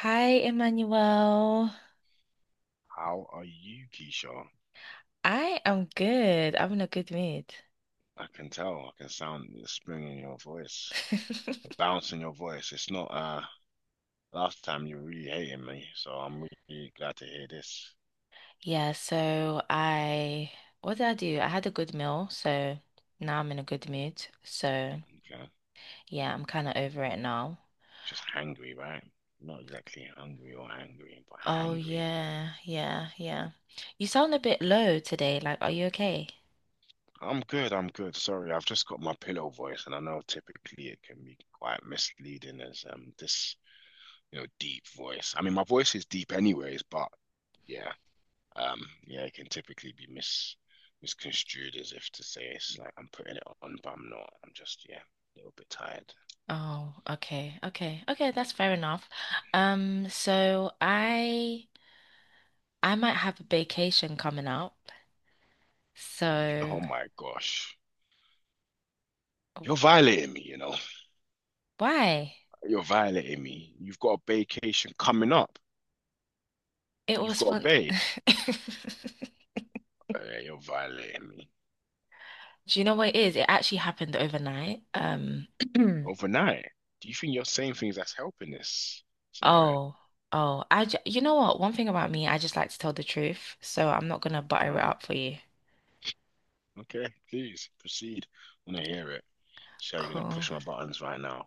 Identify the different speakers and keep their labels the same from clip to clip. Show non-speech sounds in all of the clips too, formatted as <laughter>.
Speaker 1: Hi, Emmanuel.
Speaker 2: How are you, Keisha?
Speaker 1: I am good. I'm in a good mood.
Speaker 2: I can tell. I can sound the spring in your voice, the
Speaker 1: <laughs>
Speaker 2: bounce in your voice. It's not Last time you were really hating me, so I'm really glad to hear this.
Speaker 1: Yeah, so I, what did I do? I had a good meal, so now I'm in a good mood. So
Speaker 2: Okay.
Speaker 1: yeah, I'm kind of over it now.
Speaker 2: Just hangry, right? Not exactly hungry or angry, but
Speaker 1: Oh
Speaker 2: hangry.
Speaker 1: yeah, yeah, yeah. You sound a bit low today. Like, are you okay?
Speaker 2: I'm good, I'm good. Sorry, I've just got my pillow voice, and I know typically it can be quite misleading as this deep voice. I mean, my voice is deep anyways, but yeah. Yeah, it can typically be misconstrued as if to say it's like I'm putting it on, but I'm not. I'm just, yeah, a little bit tired.
Speaker 1: Oh, okay, okay, okay. That's fair enough. Um, so I, I might have a vacation coming up.
Speaker 2: Oh
Speaker 1: So
Speaker 2: my gosh. You're violating me, you know.
Speaker 1: why?
Speaker 2: You're violating me. You've got a vacation coming up.
Speaker 1: It
Speaker 2: You've
Speaker 1: was
Speaker 2: got a
Speaker 1: fun.
Speaker 2: bay.
Speaker 1: <laughs>
Speaker 2: Oh, yeah, you're violating me.
Speaker 1: Do you know what it is? It actually happened overnight. <clears throat>
Speaker 2: Overnight. Do you think you're saying things that's helping this scenario?
Speaker 1: Oh, you know what? One thing about me, I just like to tell the truth, so I'm not gonna butter it
Speaker 2: Ah,
Speaker 1: up for you.
Speaker 2: okay, please proceed. I want to hear it. So you're gonna
Speaker 1: Cool.
Speaker 2: push my buttons right now. I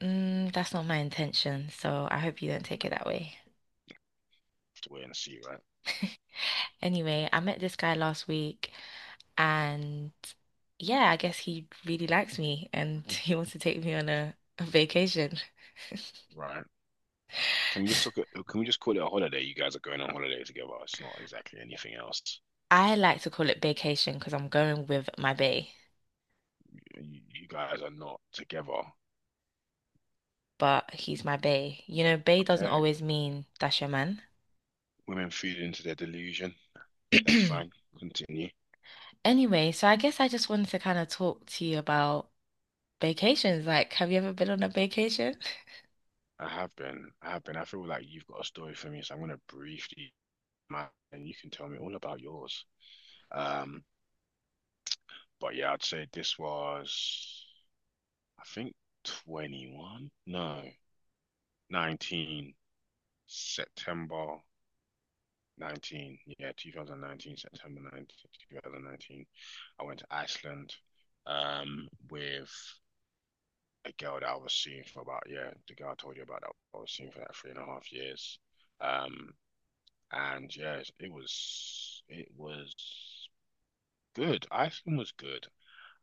Speaker 1: That's not my intention, so I hope you don't take it that way.
Speaker 2: have to wait and see, right?
Speaker 1: Anyway, I met this guy last week, and yeah, I guess he really likes me, and <laughs> he wants to take me on a vacation. <laughs>
Speaker 2: Right. Can we just talk? Can we just call it a holiday? You guys are going on holiday together. It's not exactly anything else.
Speaker 1: I like to call it vacation because I'm going with my bae.
Speaker 2: You, you guys are not together.
Speaker 1: But he's my bae. You know, bae doesn't
Speaker 2: Okay.
Speaker 1: always mean that's your man.
Speaker 2: Women feed into their delusion. That's fine.
Speaker 1: <clears throat>
Speaker 2: Continue.
Speaker 1: Anyway, so I guess I just wanted to kind of talk to you about vacations. Like, have you ever been on a vacation? <laughs>
Speaker 2: I have been. I have been. I feel like you've got a story for me, so I'm gonna briefly, and you can tell me all about yours. Um, but yeah, I'd say this was, I think, 21? No, 19 September 19, yeah, 2019, September 19th, 2019, 2019. I went to Iceland with a girl that I was seeing for about, yeah, the girl I told you about that I was seeing for like three and a half years. Um, and yeah, it was good. Iceland was good.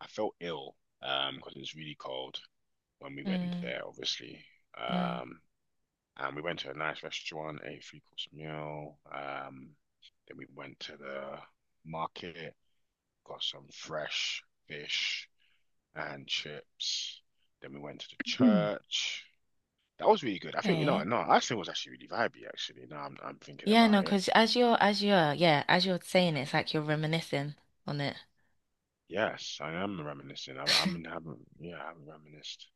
Speaker 2: I felt ill because it was really cold when we went
Speaker 1: Mm,
Speaker 2: there, obviously.
Speaker 1: mm.
Speaker 2: Um, we went to a nice restaurant, ate three course meal. Then we went to the market, got some fresh fish and chips. Then we went to the
Speaker 1: Mm.
Speaker 2: church. That was really good. I think, you know,
Speaker 1: Okay.
Speaker 2: no, Iceland was actually really vibey, actually. Now I'm thinking
Speaker 1: Yeah,
Speaker 2: about
Speaker 1: no,
Speaker 2: it.
Speaker 1: because as you're saying it, it's like you're reminiscing on it.
Speaker 2: Yes, I am reminiscing. I'm having, yeah, I haven't reminisced.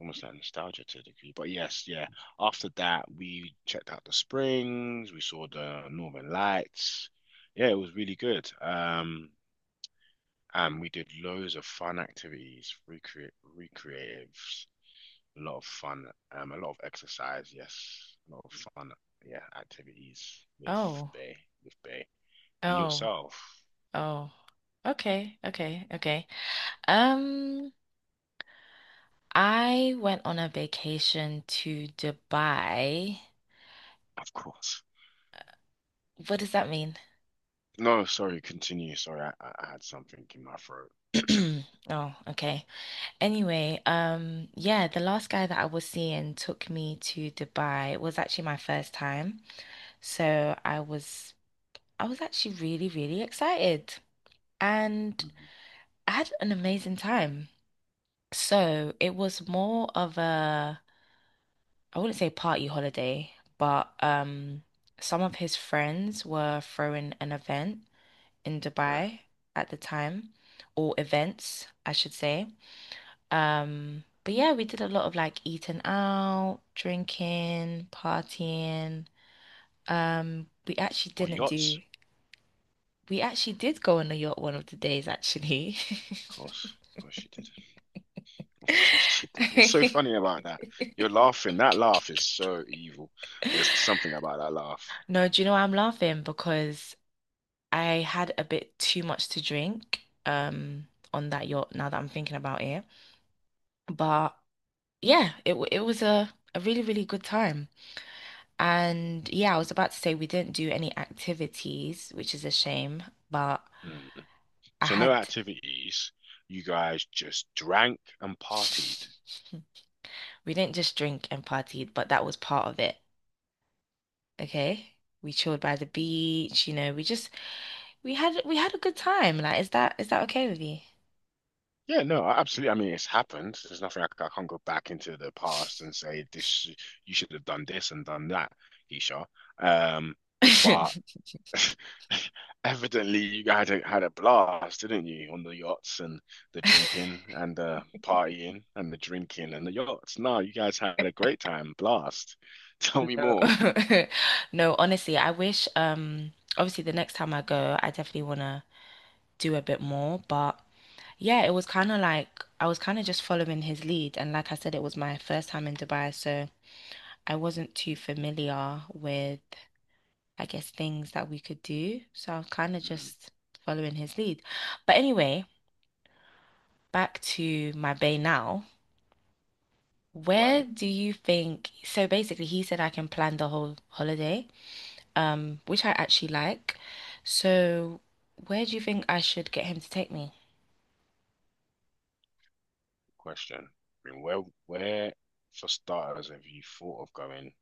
Speaker 2: Almost like nostalgia to a degree. But yes, yeah. After that, we checked out the springs, we saw the Northern Lights. Yeah, it was really good. And we did loads of fun activities, recreate recreatives, a lot of fun, a lot of exercise, yes, a lot of fun, yeah, activities with
Speaker 1: Oh,
Speaker 2: Bay, with Bay. And
Speaker 1: oh,
Speaker 2: yourself,
Speaker 1: oh. Okay, okay, okay. Um, I went on a vacation to Dubai.
Speaker 2: of course.
Speaker 1: What does that mean?
Speaker 2: No, sorry, continue. Sorry, I had something in my throat.
Speaker 1: <clears throat> Oh, okay. Anyway, yeah, the last guy that I was seeing took me to Dubai. It was actually my first time. So I was actually really, really excited. And
Speaker 2: Mhm.
Speaker 1: I had an amazing time. So it was more of a I wouldn't say party holiday, but some of his friends were throwing an event in
Speaker 2: Uh,
Speaker 1: Dubai at the time, or events, I should say. But yeah, we did a lot of like eating out, drinking, partying. We actually
Speaker 2: what
Speaker 1: didn't
Speaker 2: yachts?
Speaker 1: do, we actually did go on a yacht one of the days, actually.
Speaker 2: Of course you did. Of course <laughs> she did. What's so funny
Speaker 1: <laughs>
Speaker 2: about that? You're laughing. That laugh is so evil. There's something about that laugh.
Speaker 1: No, do you know why I'm laughing? Because I had a bit too much to drink, on that yacht now that I'm thinking about it. But yeah, it was a really, really good time. And yeah, I was about to say we didn't do any activities, which is a shame, but
Speaker 2: Mm.
Speaker 1: I
Speaker 2: So no
Speaker 1: had
Speaker 2: activities. You guys just drank and partied.
Speaker 1: <laughs> we didn't just drink and partied, but that was part of it. Okay? We chilled by the beach, you know, we had a good time. Like, is that okay with you?
Speaker 2: Yeah, no, absolutely. I mean, it's happened. There's nothing I can't go back into the past and say this. You should have done this and done that, Keisha. Um, but
Speaker 1: <laughs>
Speaker 2: <laughs> evidently, you guys had a blast, didn't you, on the yachts and the drinking and the partying and the drinking and the yachts. No, you guys had a great time, blast. <laughs> Tell me
Speaker 1: No.
Speaker 2: more.
Speaker 1: <laughs> No, honestly, I wish obviously the next time I go, I definitely wanna do a bit more. But yeah, it was kind of like I was kind of just following his lead. And like I said, it was my first time in Dubai, so I wasn't too familiar with, I guess, things that we could do. So I was kind of
Speaker 2: Mhm.
Speaker 1: just following his lead. But anyway, back to my bay now. Where
Speaker 2: Right,
Speaker 1: do you think? So basically, he said I can plan the whole holiday, which I actually like. So where do you think I should get him to take me?
Speaker 2: question. I mean, where, for starters, have you thought of going?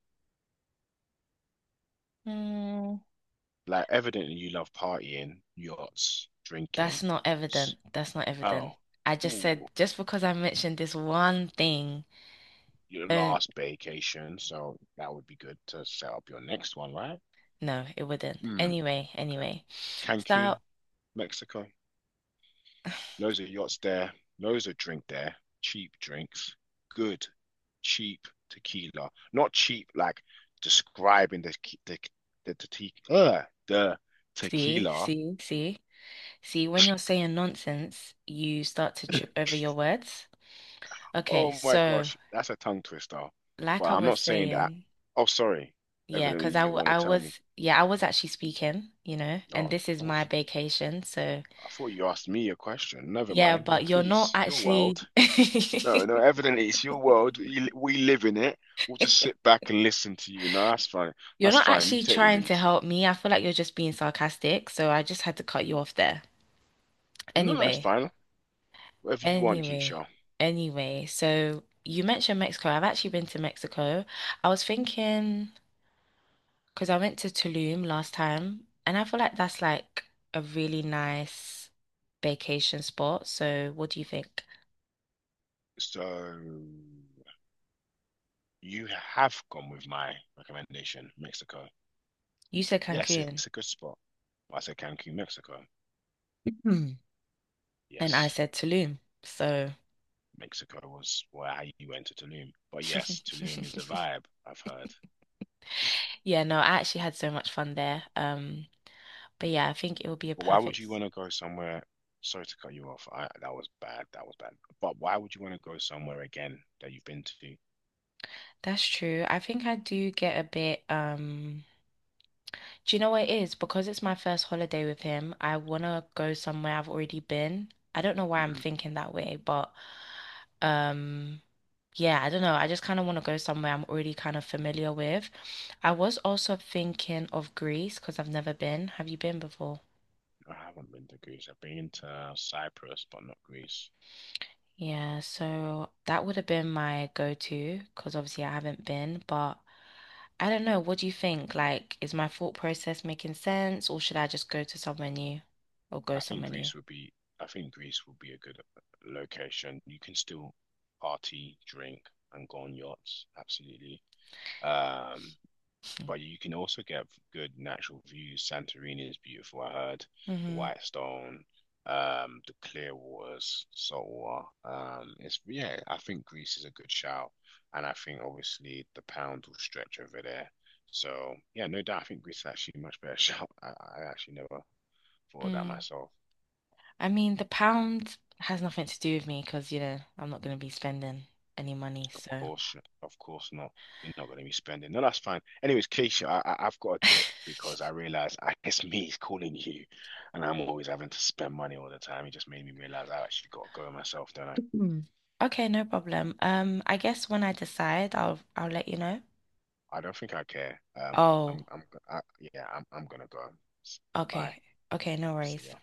Speaker 1: Hmm.
Speaker 2: Like, evidently, you love partying, yachts,
Speaker 1: That's
Speaker 2: drinking.
Speaker 1: not
Speaker 2: S-
Speaker 1: evident. That's not evident.
Speaker 2: Oh,
Speaker 1: I just said
Speaker 2: ooh,
Speaker 1: just because I mentioned this one thing,
Speaker 2: your
Speaker 1: don't,
Speaker 2: last vacation, so that would be good to set up your next one, right?
Speaker 1: no, it wouldn't.
Speaker 2: Hmm. Okay. Cancun,
Speaker 1: So,
Speaker 2: Mexico.
Speaker 1: <sighs>
Speaker 2: Loads of yachts there, loads of drink there, cheap drinks, good, cheap tequila. Not cheap like describing the the, the, te uh, the
Speaker 1: see,
Speaker 2: tequila.
Speaker 1: see, see, see, when you're saying nonsense, you start to trip over your words. Okay,
Speaker 2: Oh my
Speaker 1: so
Speaker 2: gosh, that's a tongue twister. But
Speaker 1: like I
Speaker 2: I'm
Speaker 1: was
Speaker 2: not saying that.
Speaker 1: saying,
Speaker 2: Oh, sorry.
Speaker 1: yeah,
Speaker 2: Evidently,
Speaker 1: because I,
Speaker 2: you
Speaker 1: w-
Speaker 2: want to
Speaker 1: I
Speaker 2: tell me.
Speaker 1: was, yeah, I was actually speaking, you know, and
Speaker 2: Oh,
Speaker 1: this is
Speaker 2: oh,
Speaker 1: my vacation. So,
Speaker 2: I thought you asked me a question. Never
Speaker 1: yeah,
Speaker 2: mind. No,
Speaker 1: but you're not
Speaker 2: please, your
Speaker 1: actually.
Speaker 2: world. No, no, evidently it's your world. We live in it. We'll just
Speaker 1: <laughs>
Speaker 2: sit back and listen to you. No, that's fine.
Speaker 1: You're
Speaker 2: That's
Speaker 1: not
Speaker 2: fine. You
Speaker 1: actually
Speaker 2: take the
Speaker 1: trying to
Speaker 2: lead.
Speaker 1: help me. I feel like you're just being sarcastic, so I just had to cut you off there.
Speaker 2: No, that's
Speaker 1: Anyway,
Speaker 2: fine. Whatever you want,
Speaker 1: anyway,
Speaker 2: Keisha.
Speaker 1: anyway. So you mentioned Mexico. I've actually been to Mexico. I was thinking because I went to Tulum last time, and I feel like that's like a really nice vacation spot. So what do you think?
Speaker 2: So you have gone with my recommendation, Mexico.
Speaker 1: You said
Speaker 2: Yes,
Speaker 1: Cancun,
Speaker 2: it's a good spot. I said Cancun, Mexico.
Speaker 1: <clears throat> and I
Speaker 2: Yes,
Speaker 1: said Tulum. So
Speaker 2: Mexico was where you went to Tulum. But yes, Tulum is a
Speaker 1: <laughs>
Speaker 2: vibe, I've heard.
Speaker 1: Yeah, no, I actually had so much fun there. But yeah, I think it will be a
Speaker 2: But why would
Speaker 1: perfect.
Speaker 2: you want to go somewhere? Sorry to cut you off. That was bad. That was bad. But why would you want to go somewhere again that you've been to?
Speaker 1: That's true. I think I do get a bit, do you know what it is? Because it's my first holiday with him, I wanna go somewhere I've already been. I don't know why I'm
Speaker 2: Mhm.
Speaker 1: thinking that way, but um, yeah, I don't know. I just kind of want to go somewhere I'm already kind of familiar with. I was also thinking of Greece because I've never been. Have you been before?
Speaker 2: I haven't been to Greece. I've been to Cyprus, but not Greece.
Speaker 1: Yeah, so that would have been my go-to because obviously I haven't been, but I don't know. What do you think? Like, is my thought process making sense, or should I just go
Speaker 2: I think
Speaker 1: somewhere new?
Speaker 2: Greece would be. I think Greece would be a good location. You can still party, drink, and go on yachts. Absolutely. Um, But you can also get good natural views. Santorini is beautiful, I heard. The
Speaker 1: Mm-hmm.
Speaker 2: White Stone, the clear waters, salt water. It's yeah, I think Greece is a good shout. And I think obviously the pound will stretch over there. So yeah, no doubt I think Greece is actually a much better <laughs> shout. I actually never thought of that
Speaker 1: Mm.
Speaker 2: myself.
Speaker 1: I mean, the pound has nothing to do with me because, you know, I'm not going to be spending any money.
Speaker 2: Of
Speaker 1: So, <laughs>
Speaker 2: course, of course not. You're not going to be spending. No, that's fine. Anyways, Keisha, I've got a dip because I realized it's <laughs> me calling you, and I'm always having to spend money all the time. It just made me realize I actually got to go myself, don't I?
Speaker 1: Mm. Okay, no problem. I guess when I decide, I'll let you know.
Speaker 2: I don't think I care.
Speaker 1: Oh,
Speaker 2: I'm, I'm, yeah, I'm gonna go. Bye.
Speaker 1: okay. Okay, no
Speaker 2: See
Speaker 1: worries.
Speaker 2: ya.